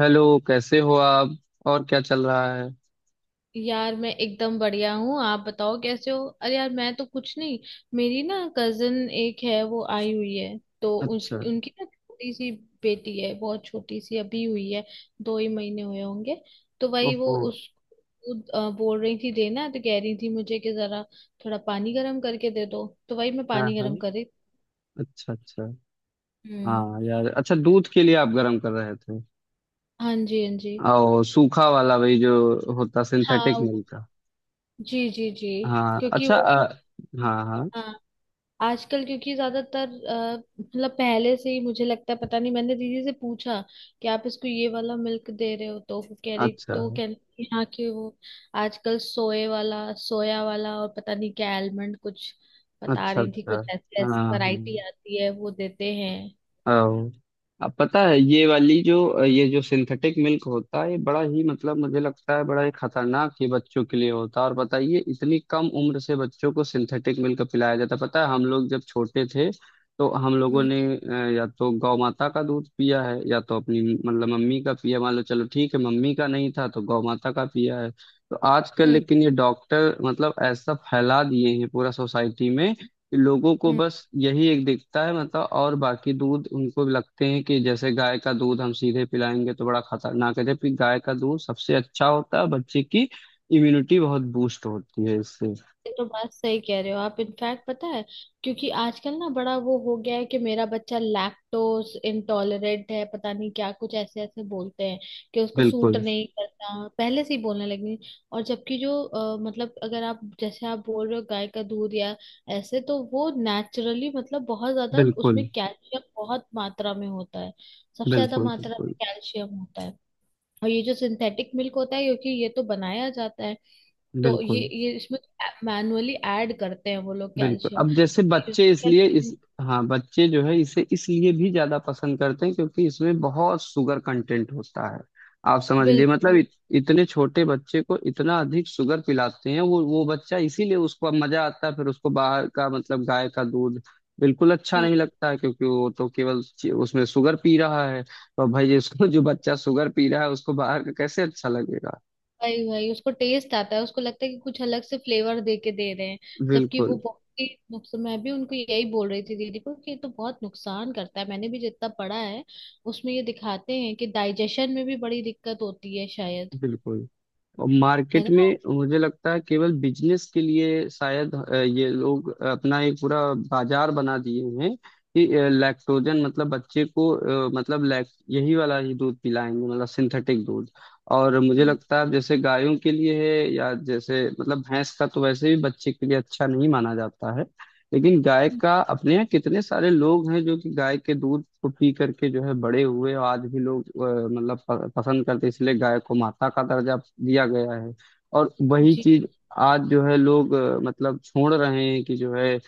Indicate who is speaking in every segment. Speaker 1: Hello. कैसे हो आप? और क्या चल रहा है?
Speaker 2: यार मैं एकदम बढ़िया हूँ। आप बताओ कैसे हो। अरे यार मैं तो कुछ नहीं। मेरी ना कजन एक है, वो आई हुई है। तो उस
Speaker 1: अच्छा।
Speaker 2: उनकी ना छोटी सी बेटी है, बहुत छोटी सी अभी हुई है। दो ही महीने हुए होंगे। तो वही वो
Speaker 1: ओहो।
Speaker 2: उसको बोल रही थी देना, तो कह रही थी मुझे कि जरा थोड़ा पानी गर्म करके दे दो, तो वही मैं
Speaker 1: हाँ
Speaker 2: पानी
Speaker 1: हाँ।
Speaker 2: गर्म कर रही।
Speaker 1: अच्छा अच्छा।
Speaker 2: हम्म।
Speaker 1: हाँ यार, अच्छा दूध के लिए आप गर्म कर रहे थे?
Speaker 2: हाँ जी, हाँ जी।
Speaker 1: और सूखा वाला वही जो होता
Speaker 2: हाँ
Speaker 1: सिंथेटिक
Speaker 2: वो-
Speaker 1: मिल्क का।
Speaker 2: जी जी जी।
Speaker 1: हाँ
Speaker 2: क्योंकि
Speaker 1: अच्छा,
Speaker 2: वो,
Speaker 1: हाँ हाँ।
Speaker 2: हाँ, आजकल क्योंकि ज्यादातर मतलब पहले से ही मुझे लगता है, पता नहीं, मैंने दीदी से पूछा कि आप इसको ये वाला मिल्क दे रहे हो, तो वो कह रही,
Speaker 1: अच्छा
Speaker 2: तो वो कहती है, हाँ कि वो आजकल सोए वाला सोया वाला और पता नहीं क्या आलमंड, कुछ बता
Speaker 1: अच्छा।
Speaker 2: रही थी,
Speaker 1: अच्छा।
Speaker 2: कुछ ऐसे
Speaker 1: हाँ
Speaker 2: ऐसे
Speaker 1: हाँ।
Speaker 2: वैरायटी आती है वो देते हैं।
Speaker 1: अब अब पता है ये वाली जो ये जो सिंथेटिक मिल्क होता है ये बड़ा ही मतलब मुझे लगता है बड़ा ही खतरनाक ये बच्चों के लिए होता है। और बताइए, इतनी कम उम्र से बच्चों को सिंथेटिक मिल्क पिलाया जाता है। पता है हम लोग जब छोटे थे तो हम लोगों
Speaker 2: हम्म।
Speaker 1: ने या तो गौ माता का दूध पिया है या तो अपनी मतलब मम्मी का पिया। मान लो चलो ठीक है, मम्मी का नहीं था तो गौ माता का पिया है। तो आजकल लेकिन ये डॉक्टर मतलब ऐसा फैला दिए हैं पूरा सोसाइटी में, लोगों को
Speaker 2: हम्म।
Speaker 1: बस यही एक दिखता है मतलब। और बाकी दूध उनको लगते हैं कि जैसे गाय का दूध हम सीधे पिलाएंगे तो बड़ा खतरनाक है, जबकि गाय का दूध सबसे अच्छा होता है बच्चे की इम्यूनिटी बहुत बूस्ट होती है इससे।
Speaker 2: ये तो बात सही कह रहे हो आप। इनफैक्ट पता है, क्योंकि आजकल ना बड़ा वो हो गया है कि मेरा बच्चा लैक्टोज इंटॉलरेंट है, पता नहीं क्या, कुछ ऐसे ऐसे बोलते हैं कि उसको सूट
Speaker 1: बिल्कुल।
Speaker 2: नहीं करता, पहले से ही बोलने लगी। और जबकि जो मतलब अगर आप, जैसे आप बोल रहे हो गाय का दूध या ऐसे, तो वो नेचुरली, मतलब बहुत ज्यादा
Speaker 1: बिल्कुल।
Speaker 2: उसमें कैल्शियम बहुत मात्रा में होता है। सबसे ज्यादा
Speaker 1: बिल्कुल।
Speaker 2: मात्रा में
Speaker 1: बिल्कुल।
Speaker 2: कैल्शियम होता है। और ये जो सिंथेटिक मिल्क होता है, क्योंकि ये तो बनाया जाता है, तो ये
Speaker 1: बिल्कुल।
Speaker 2: ये इसमें मैनुअली ऐड करते हैं वो लोग
Speaker 1: बिल्कुल
Speaker 2: कैल्शियम।
Speaker 1: अब जैसे बच्चे इसलिए इस हाँ बच्चे जो है इसे इसलिए भी ज्यादा पसंद करते हैं क्योंकि इसमें बहुत शुगर कंटेंट होता है। आप समझ लिए मतलब
Speaker 2: बिल्कुल।
Speaker 1: इतने छोटे बच्चे को इतना अधिक शुगर पिलाते हैं। वो बच्चा इसीलिए उसको अब मजा आता है। फिर उसको बाहर का मतलब गाय का दूध बिल्कुल अच्छा
Speaker 2: हम्म,
Speaker 1: नहीं लगता है क्योंकि वो तो केवल उसमें शुगर पी रहा है। तो भाई, इसको जो बच्चा शुगर पी रहा है उसको बाहर का कैसे अच्छा लगेगा?
Speaker 2: वही वही उसको टेस्ट आता है, उसको लगता है कि कुछ अलग से फ्लेवर दे के दे रहे हैं। जबकि वो
Speaker 1: बिल्कुल।
Speaker 2: बहुत ही नुकसान। मैं भी उनको यही बोल रही थी दीदी को कि ये तो बहुत नुकसान करता है। मैंने भी जितना पढ़ा है, उसमें ये दिखाते हैं कि डाइजेशन में भी बड़ी दिक्कत होती है शायद।
Speaker 1: बिल्कुल। और
Speaker 2: है
Speaker 1: मार्केट
Speaker 2: ना।
Speaker 1: में मुझे लगता है केवल बिजनेस के लिए शायद ये लोग अपना एक पूरा बाजार बना दिए हैं कि लैक्टोजन मतलब बच्चे को मतलब लैक यही वाला ही दूध पिलाएंगे मतलब सिंथेटिक दूध। और मुझे
Speaker 2: हम्म,
Speaker 1: लगता है जैसे गायों के लिए है या जैसे मतलब भैंस का तो वैसे भी बच्चे के लिए अच्छा नहीं माना जाता है। लेकिन गाय का अपने यहाँ कितने सारे लोग हैं जो कि गाय के दूध को पी करके जो है बड़े हुए और आज भी लोग मतलब पसंद करते हैं, इसलिए गाय को माता का दर्जा दिया गया है। और वही
Speaker 2: जी।
Speaker 1: चीज आज जो है लोग मतलब छोड़ रहे हैं कि जो है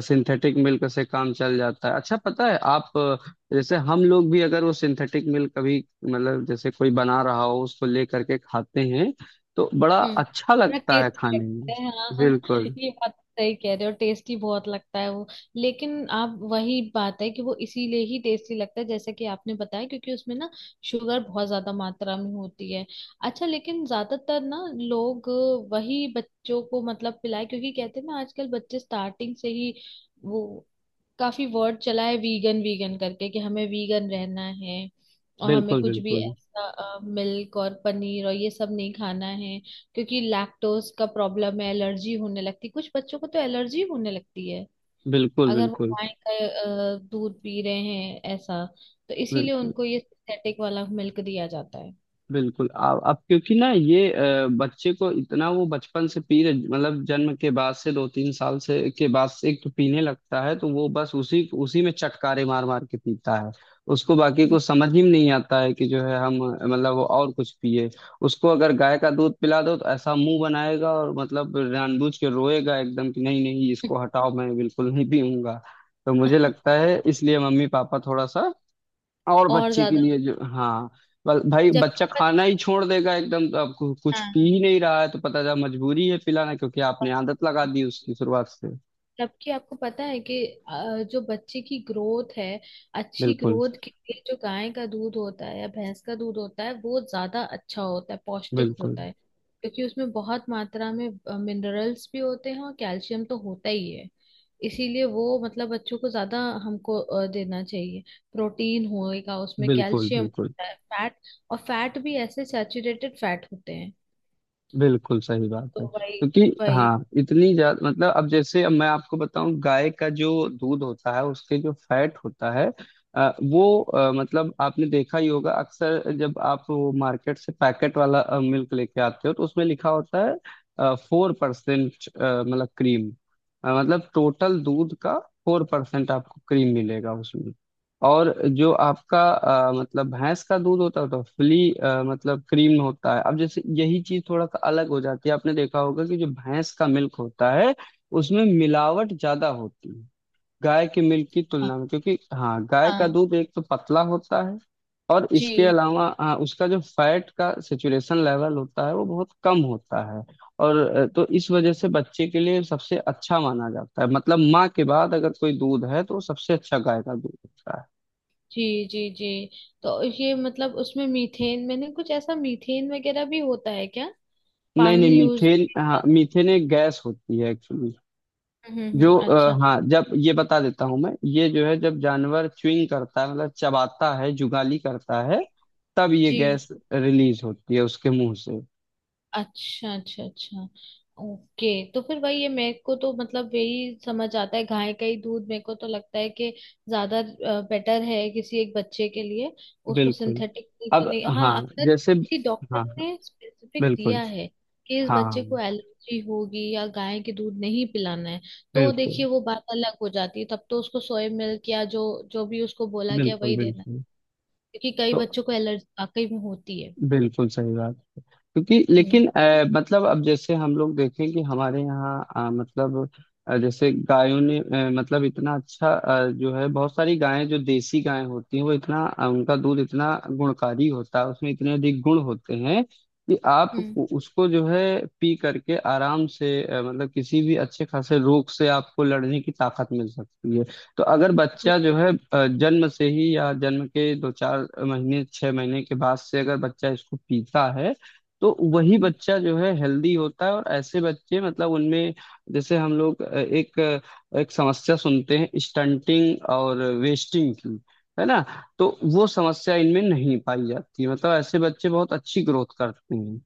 Speaker 1: सिंथेटिक मिल्क से काम चल जाता है। अच्छा पता है आप जैसे हम लोग भी अगर वो सिंथेटिक मिल्क कभी मतलब जैसे कोई बना रहा हो उसको ले करके खाते हैं तो बड़ा
Speaker 2: हम्म,
Speaker 1: अच्छा
Speaker 2: बड़ा
Speaker 1: लगता है
Speaker 2: टेस्टी
Speaker 1: खाने में।
Speaker 2: लगता है, हाँ हाँ हाँ।
Speaker 1: बिल्कुल।
Speaker 2: ये बात तो सही कह रहे हो, टेस्टी बहुत लगता है वो। लेकिन आप वही बात है कि वो इसीलिए ही टेस्टी लगता है जैसे कि आपने बताया, क्योंकि उसमें ना शुगर बहुत ज्यादा मात्रा में होती है। अच्छा लेकिन ज्यादातर ना लोग वही बच्चों को मतलब पिलाए, क्योंकि कहते हैं ना आजकल बच्चे स्टार्टिंग से ही वो, काफी वर्ड चला है वीगन वीगन करके, कि हमें वीगन रहना है और हमें
Speaker 1: बिल्कुल।
Speaker 2: कुछ भी
Speaker 1: बिल्कुल।
Speaker 2: ऐसा मिल्क और पनीर और ये सब नहीं खाना है क्योंकि लैक्टोज का प्रॉब्लम है, एलर्जी होने लगती है। कुछ बच्चों को तो एलर्जी होने लगती है
Speaker 1: बिल्कुल।
Speaker 2: अगर वो
Speaker 1: बिल्कुल।
Speaker 2: गाय का दूध पी रहे हैं ऐसा। तो इसीलिए
Speaker 1: बिल्कुल।
Speaker 2: उनको ये सिंथेटिक वाला मिल्क दिया जाता है।
Speaker 1: बिल्कुल। अब क्योंकि ना ये बच्चे को इतना वो बचपन से पी रहे मतलब जन्म के बाद से दो तीन साल से के बाद से एक तो पीने लगता है तो वो बस उसी उसी में चटकारे मार मार के पीता है। उसको बाकी
Speaker 2: हम्म।
Speaker 1: कुछ समझ ही नहीं आता है कि जो है हम मतलब वो और कुछ पिए। उसको अगर गाय का दूध पिला दो तो ऐसा मुंह बनाएगा और मतलब जानबूझ के रोएगा एकदम कि नहीं नहीं इसको हटाओ मैं बिल्कुल नहीं पीऊंगा। तो मुझे लगता है इसलिए मम्मी पापा थोड़ा सा और
Speaker 2: और
Speaker 1: बच्चे के
Speaker 2: ज्यादा
Speaker 1: लिए जो हाँ भाई
Speaker 2: जबकि
Speaker 1: बच्चा खाना
Speaker 2: पता-,
Speaker 1: ही छोड़ देगा एकदम, तो अब कुछ पी
Speaker 2: हाँ,
Speaker 1: ही नहीं रहा है तो पता चला मजबूरी है पिलाना क्योंकि आपने आदत लगा दी उसकी शुरुआत से।
Speaker 2: जबकि आपको पता है कि जो बच्चे की ग्रोथ है, अच्छी
Speaker 1: बिल्कुल।
Speaker 2: ग्रोथ के लिए जो गाय का दूध होता है या भैंस का दूध होता है वो ज्यादा अच्छा होता है, पौष्टिक
Speaker 1: बिल्कुल।
Speaker 2: होता है। क्योंकि उसमें बहुत मात्रा में मिनरल्स भी होते हैं और कैल्शियम तो होता ही है। इसीलिए वो मतलब बच्चों को ज्यादा हमको देना चाहिए। प्रोटीन होएगा, उसमें
Speaker 1: बिल्कुल।
Speaker 2: कैल्शियम
Speaker 1: बिल्कुल।
Speaker 2: होता है, फैट, और फैट भी ऐसे सैचुरेटेड फैट होते हैं।
Speaker 1: बिल्कुल सही बात है।
Speaker 2: तो वही
Speaker 1: क्योंकि
Speaker 2: वही,
Speaker 1: हाँ इतनी ज्यादा मतलब अब जैसे अब मैं आपको बताऊं गाय का जो दूध होता है उसके जो फैट होता है वो मतलब आपने देखा ही होगा अक्सर जब आप वो मार्केट से पैकेट वाला मिल्क लेके आते हो तो उसमें लिखा होता है 4%, मतलब क्रीम। मतलब टोटल दूध का 4% आपको क्रीम मिलेगा उसमें। और जो आपका मतलब भैंस का दूध होता है तो फुली मतलब क्रीम होता है। अब जैसे यही चीज थोड़ा सा अलग हो जाती है। आपने देखा होगा कि जो भैंस का मिल्क होता है उसमें मिलावट ज्यादा होती है गाय के मिल्क की
Speaker 2: हाँ
Speaker 1: तुलना में। क्योंकि हाँ गाय का
Speaker 2: हाँ।
Speaker 1: दूध एक तो पतला होता है और
Speaker 2: जी
Speaker 1: इसके अलावा हाँ, उसका जो फैट का सेचुरेशन लेवल होता है वो बहुत कम होता है। और तो इस वजह से बच्चे के लिए सबसे अच्छा माना जाता है मतलब माँ के बाद अगर कोई दूध है तो वो सबसे अच्छा गाय का दूध होता है।
Speaker 2: जी जी जी। तो ये मतलब उसमें मीथेन, मैंने कुछ ऐसा मीथेन वगैरह भी होता है क्या।
Speaker 1: नहीं
Speaker 2: पानी
Speaker 1: नहीं
Speaker 2: यूज
Speaker 1: मीथेन, हाँ
Speaker 2: हम्म।
Speaker 1: मीथेन एक गैस होती है एक्चुअली जो
Speaker 2: अच्छा।
Speaker 1: हाँ जब ये बता देता हूँ मैं ये जो है जब जानवर च्युइंग करता है मतलब चबाता है जुगाली करता है तब ये
Speaker 2: जी,
Speaker 1: गैस रिलीज होती है उसके मुंह से।
Speaker 2: अच्छा अच्छा अच्छा। ओके। तो फिर वही है, मेरे को तो मतलब यही समझ आता है गाय का ही दूध। मेरे को तो लगता है कि ज्यादा बेटर है किसी एक बच्चे के लिए, उसको
Speaker 1: बिल्कुल।
Speaker 2: सिंथेटिक तो
Speaker 1: अब
Speaker 2: नहीं। हाँ
Speaker 1: हाँ
Speaker 2: अगर
Speaker 1: जैसे
Speaker 2: किसी डॉक्टर
Speaker 1: हाँ हाँ
Speaker 2: ने स्पेसिफिक
Speaker 1: बिल्कुल।
Speaker 2: दिया है कि इस बच्चे को
Speaker 1: हाँ
Speaker 2: एलर्जी होगी या गाय के दूध नहीं पिलाना है, तो
Speaker 1: बिल्कुल।
Speaker 2: देखिए वो बात अलग हो जाती है, तब तो उसको सोया मिल्क या जो, जो भी उसको बोला गया
Speaker 1: बिल्कुल।
Speaker 2: वही देना,
Speaker 1: बिल्कुल।
Speaker 2: क्योंकि कई
Speaker 1: तो
Speaker 2: बच्चों को एलर्जी वाकई में होती है।
Speaker 1: बिल्कुल सही बात। क्योंकि
Speaker 2: हम्म।
Speaker 1: लेकिन मतलब अब जैसे हम लोग देखें कि हमारे यहाँ मतलब जैसे गायों ने मतलब इतना अच्छा जो है बहुत सारी गायें जो देसी गायें होती हैं वो इतना उनका दूध इतना गुणकारी होता है उसमें इतने अधिक गुण होते हैं कि आप
Speaker 2: हम्म।
Speaker 1: उसको जो है पी करके आराम से मतलब किसी भी अच्छे खासे रोग से आपको लड़ने की ताकत मिल सकती है। तो अगर
Speaker 2: ये
Speaker 1: बच्चा जो है जन्म से ही या जन्म के दो चार महीने 6 महीने के बाद से अगर बच्चा इसको पीता है तो वही
Speaker 2: हम्म।
Speaker 1: बच्चा जो है हेल्दी होता है। और ऐसे बच्चे मतलब उनमें जैसे हम लोग एक समस्या सुनते हैं स्टंटिंग और वेस्टिंग की, है ना? तो वो समस्या इनमें नहीं पाई जाती मतलब ऐसे बच्चे बहुत अच्छी ग्रोथ करते हैं।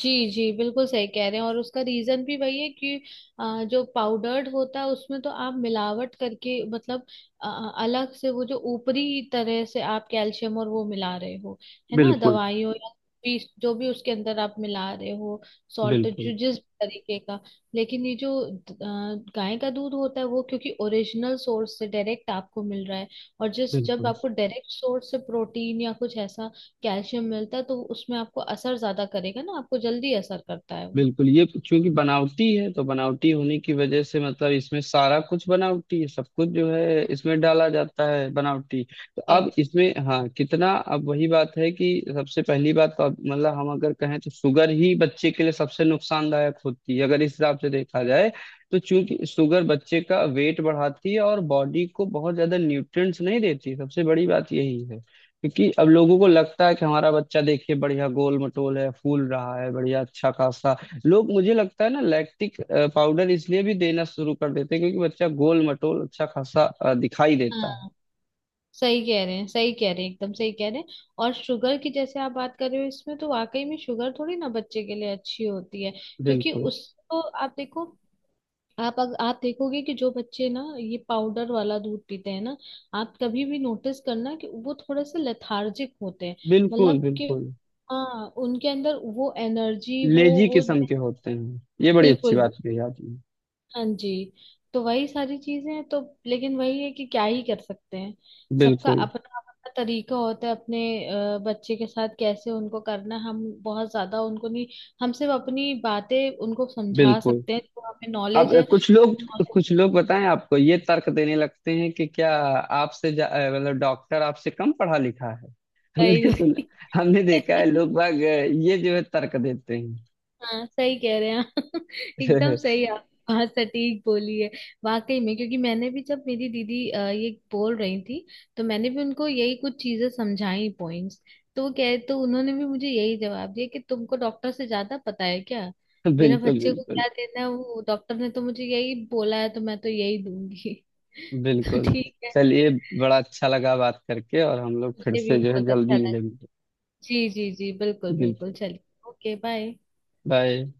Speaker 2: जी जी बिल्कुल सही कह रहे हैं। और उसका रीजन भी वही है कि जो पाउडर्ड होता है उसमें तो आप मिलावट करके मतलब अ, अलग से वो, जो ऊपरी तरह से आप कैल्शियम और वो मिला रहे हो, है ना,
Speaker 1: बिल्कुल।
Speaker 2: दवाइयों या भी जो भी उसके अंदर आप मिला रहे हो, सॉल्ट,
Speaker 1: बिल्कुल।
Speaker 2: जो जिस तरीके का। लेकिन ये जो द- गाय का दूध होता है वो क्योंकि ओरिजिनल सोर्स से डायरेक्ट आपको मिल रहा है। और जिस जब
Speaker 1: बिल्कुल।
Speaker 2: आपको डायरेक्ट सोर्स से प्रोटीन या कुछ ऐसा कैल्शियम मिलता है, तो उसमें आपको असर ज्यादा करेगा ना, आपको जल्दी असर करता है वो।
Speaker 1: बिल्कुल ये क्योंकि बनावटी है तो बनावटी होने की वजह से मतलब इसमें सारा कुछ बनावटी है, सब कुछ जो है इसमें डाला जाता है बनावटी। तो
Speaker 2: भाई,
Speaker 1: अब इसमें हाँ कितना अब वही बात है कि सबसे पहली बात तो अब मतलब हम अगर कहें तो शुगर ही बच्चे के लिए सबसे नुकसानदायक होती है अगर इस हिसाब से देखा जाए। तो चूंकि शुगर बच्चे का वेट बढ़ाती है और बॉडी को बहुत ज्यादा न्यूट्रिएंट्स नहीं देती, सबसे बड़ी बात यही है। क्योंकि अब लोगों को लगता है कि हमारा बच्चा देखिए बढ़िया गोल मटोल है फूल रहा है बढ़िया अच्छा खासा। लोग मुझे लगता है ना लैक्टिक पाउडर इसलिए भी देना शुरू कर देते हैं क्योंकि बच्चा गोल मटोल अच्छा खासा दिखाई देता है।
Speaker 2: हाँ, सही कह रहे हैं, सही कह रहे हैं, एकदम सही कह रहे हैं। और शुगर की जैसे आप बात कर रहे हो, इसमें तो वाकई में शुगर थोड़ी ना बच्चे के लिए अच्छी होती है। क्योंकि
Speaker 1: बिल्कुल।
Speaker 2: उसको आप देखो, आप देखोगे कि जो बच्चे ना ये पाउडर वाला दूध पीते हैं ना, आप कभी भी नोटिस करना कि वो थोड़े से लेथार्जिक होते हैं,
Speaker 1: बिल्कुल।
Speaker 2: मतलब कि
Speaker 1: बिल्कुल
Speaker 2: हाँ उनके अंदर वो एनर्जी, वो
Speaker 1: लेजी
Speaker 2: वो
Speaker 1: किस्म के होते हैं ये, बड़ी अच्छी
Speaker 2: बिल्कुल।
Speaker 1: बात कही आपने।
Speaker 2: हाँ जी। तो वही सारी चीजें हैं। तो लेकिन वही है कि क्या ही कर सकते हैं। सबका
Speaker 1: बिल्कुल।
Speaker 2: अपना अपना तरीका होता है अपने बच्चे के साथ कैसे उनको करना है। हम बहुत ज्यादा उनको नहीं, हम सिर्फ अपनी बातें उनको समझा
Speaker 1: बिल्कुल
Speaker 2: सकते हैं जो हमें
Speaker 1: अब
Speaker 2: नॉलेज है।
Speaker 1: कुछ लोग
Speaker 2: नॉलेज।
Speaker 1: कुछ लोग बताएं आपको ये तर्क देने लगते हैं कि क्या आपसे मतलब डॉक्टर आपसे कम पढ़ा लिखा है? हमने
Speaker 2: सही।
Speaker 1: सुना, हमने देखा है लोग बाग ये जो है तर्क देते हैं।
Speaker 2: हाँ सही कह रहे हैं आप। एकदम सही आप बात सटीक बोली है वाकई में। क्योंकि मैंने भी जब मेरी दीदी ये बोल रही थी, तो मैंने भी उनको यही कुछ चीजें समझाई, पॉइंट्स, तो वो कह तो उन्होंने भी मुझे यही जवाब दिया कि तुमको डॉक्टर से ज्यादा पता है क्या, मेरे
Speaker 1: बिल्कुल।
Speaker 2: बच्चे को
Speaker 1: बिल्कुल।
Speaker 2: क्या देना है, वो डॉक्टर ने तो मुझे यही बोला है तो मैं तो यही दूंगी। तो
Speaker 1: बिल्कुल
Speaker 2: ठीक है।
Speaker 1: चलिए, बड़ा अच्छा लगा बात करके और हम लोग फिर
Speaker 2: मुझे भी
Speaker 1: से जो है
Speaker 2: बहुत अच्छा
Speaker 1: जल्दी
Speaker 2: लगा।
Speaker 1: मिलेंगे।
Speaker 2: जी जी जी, बिल्कुल बिल्कुल,
Speaker 1: बिल्कुल।
Speaker 2: चलिए। Okay bye.
Speaker 1: बाय।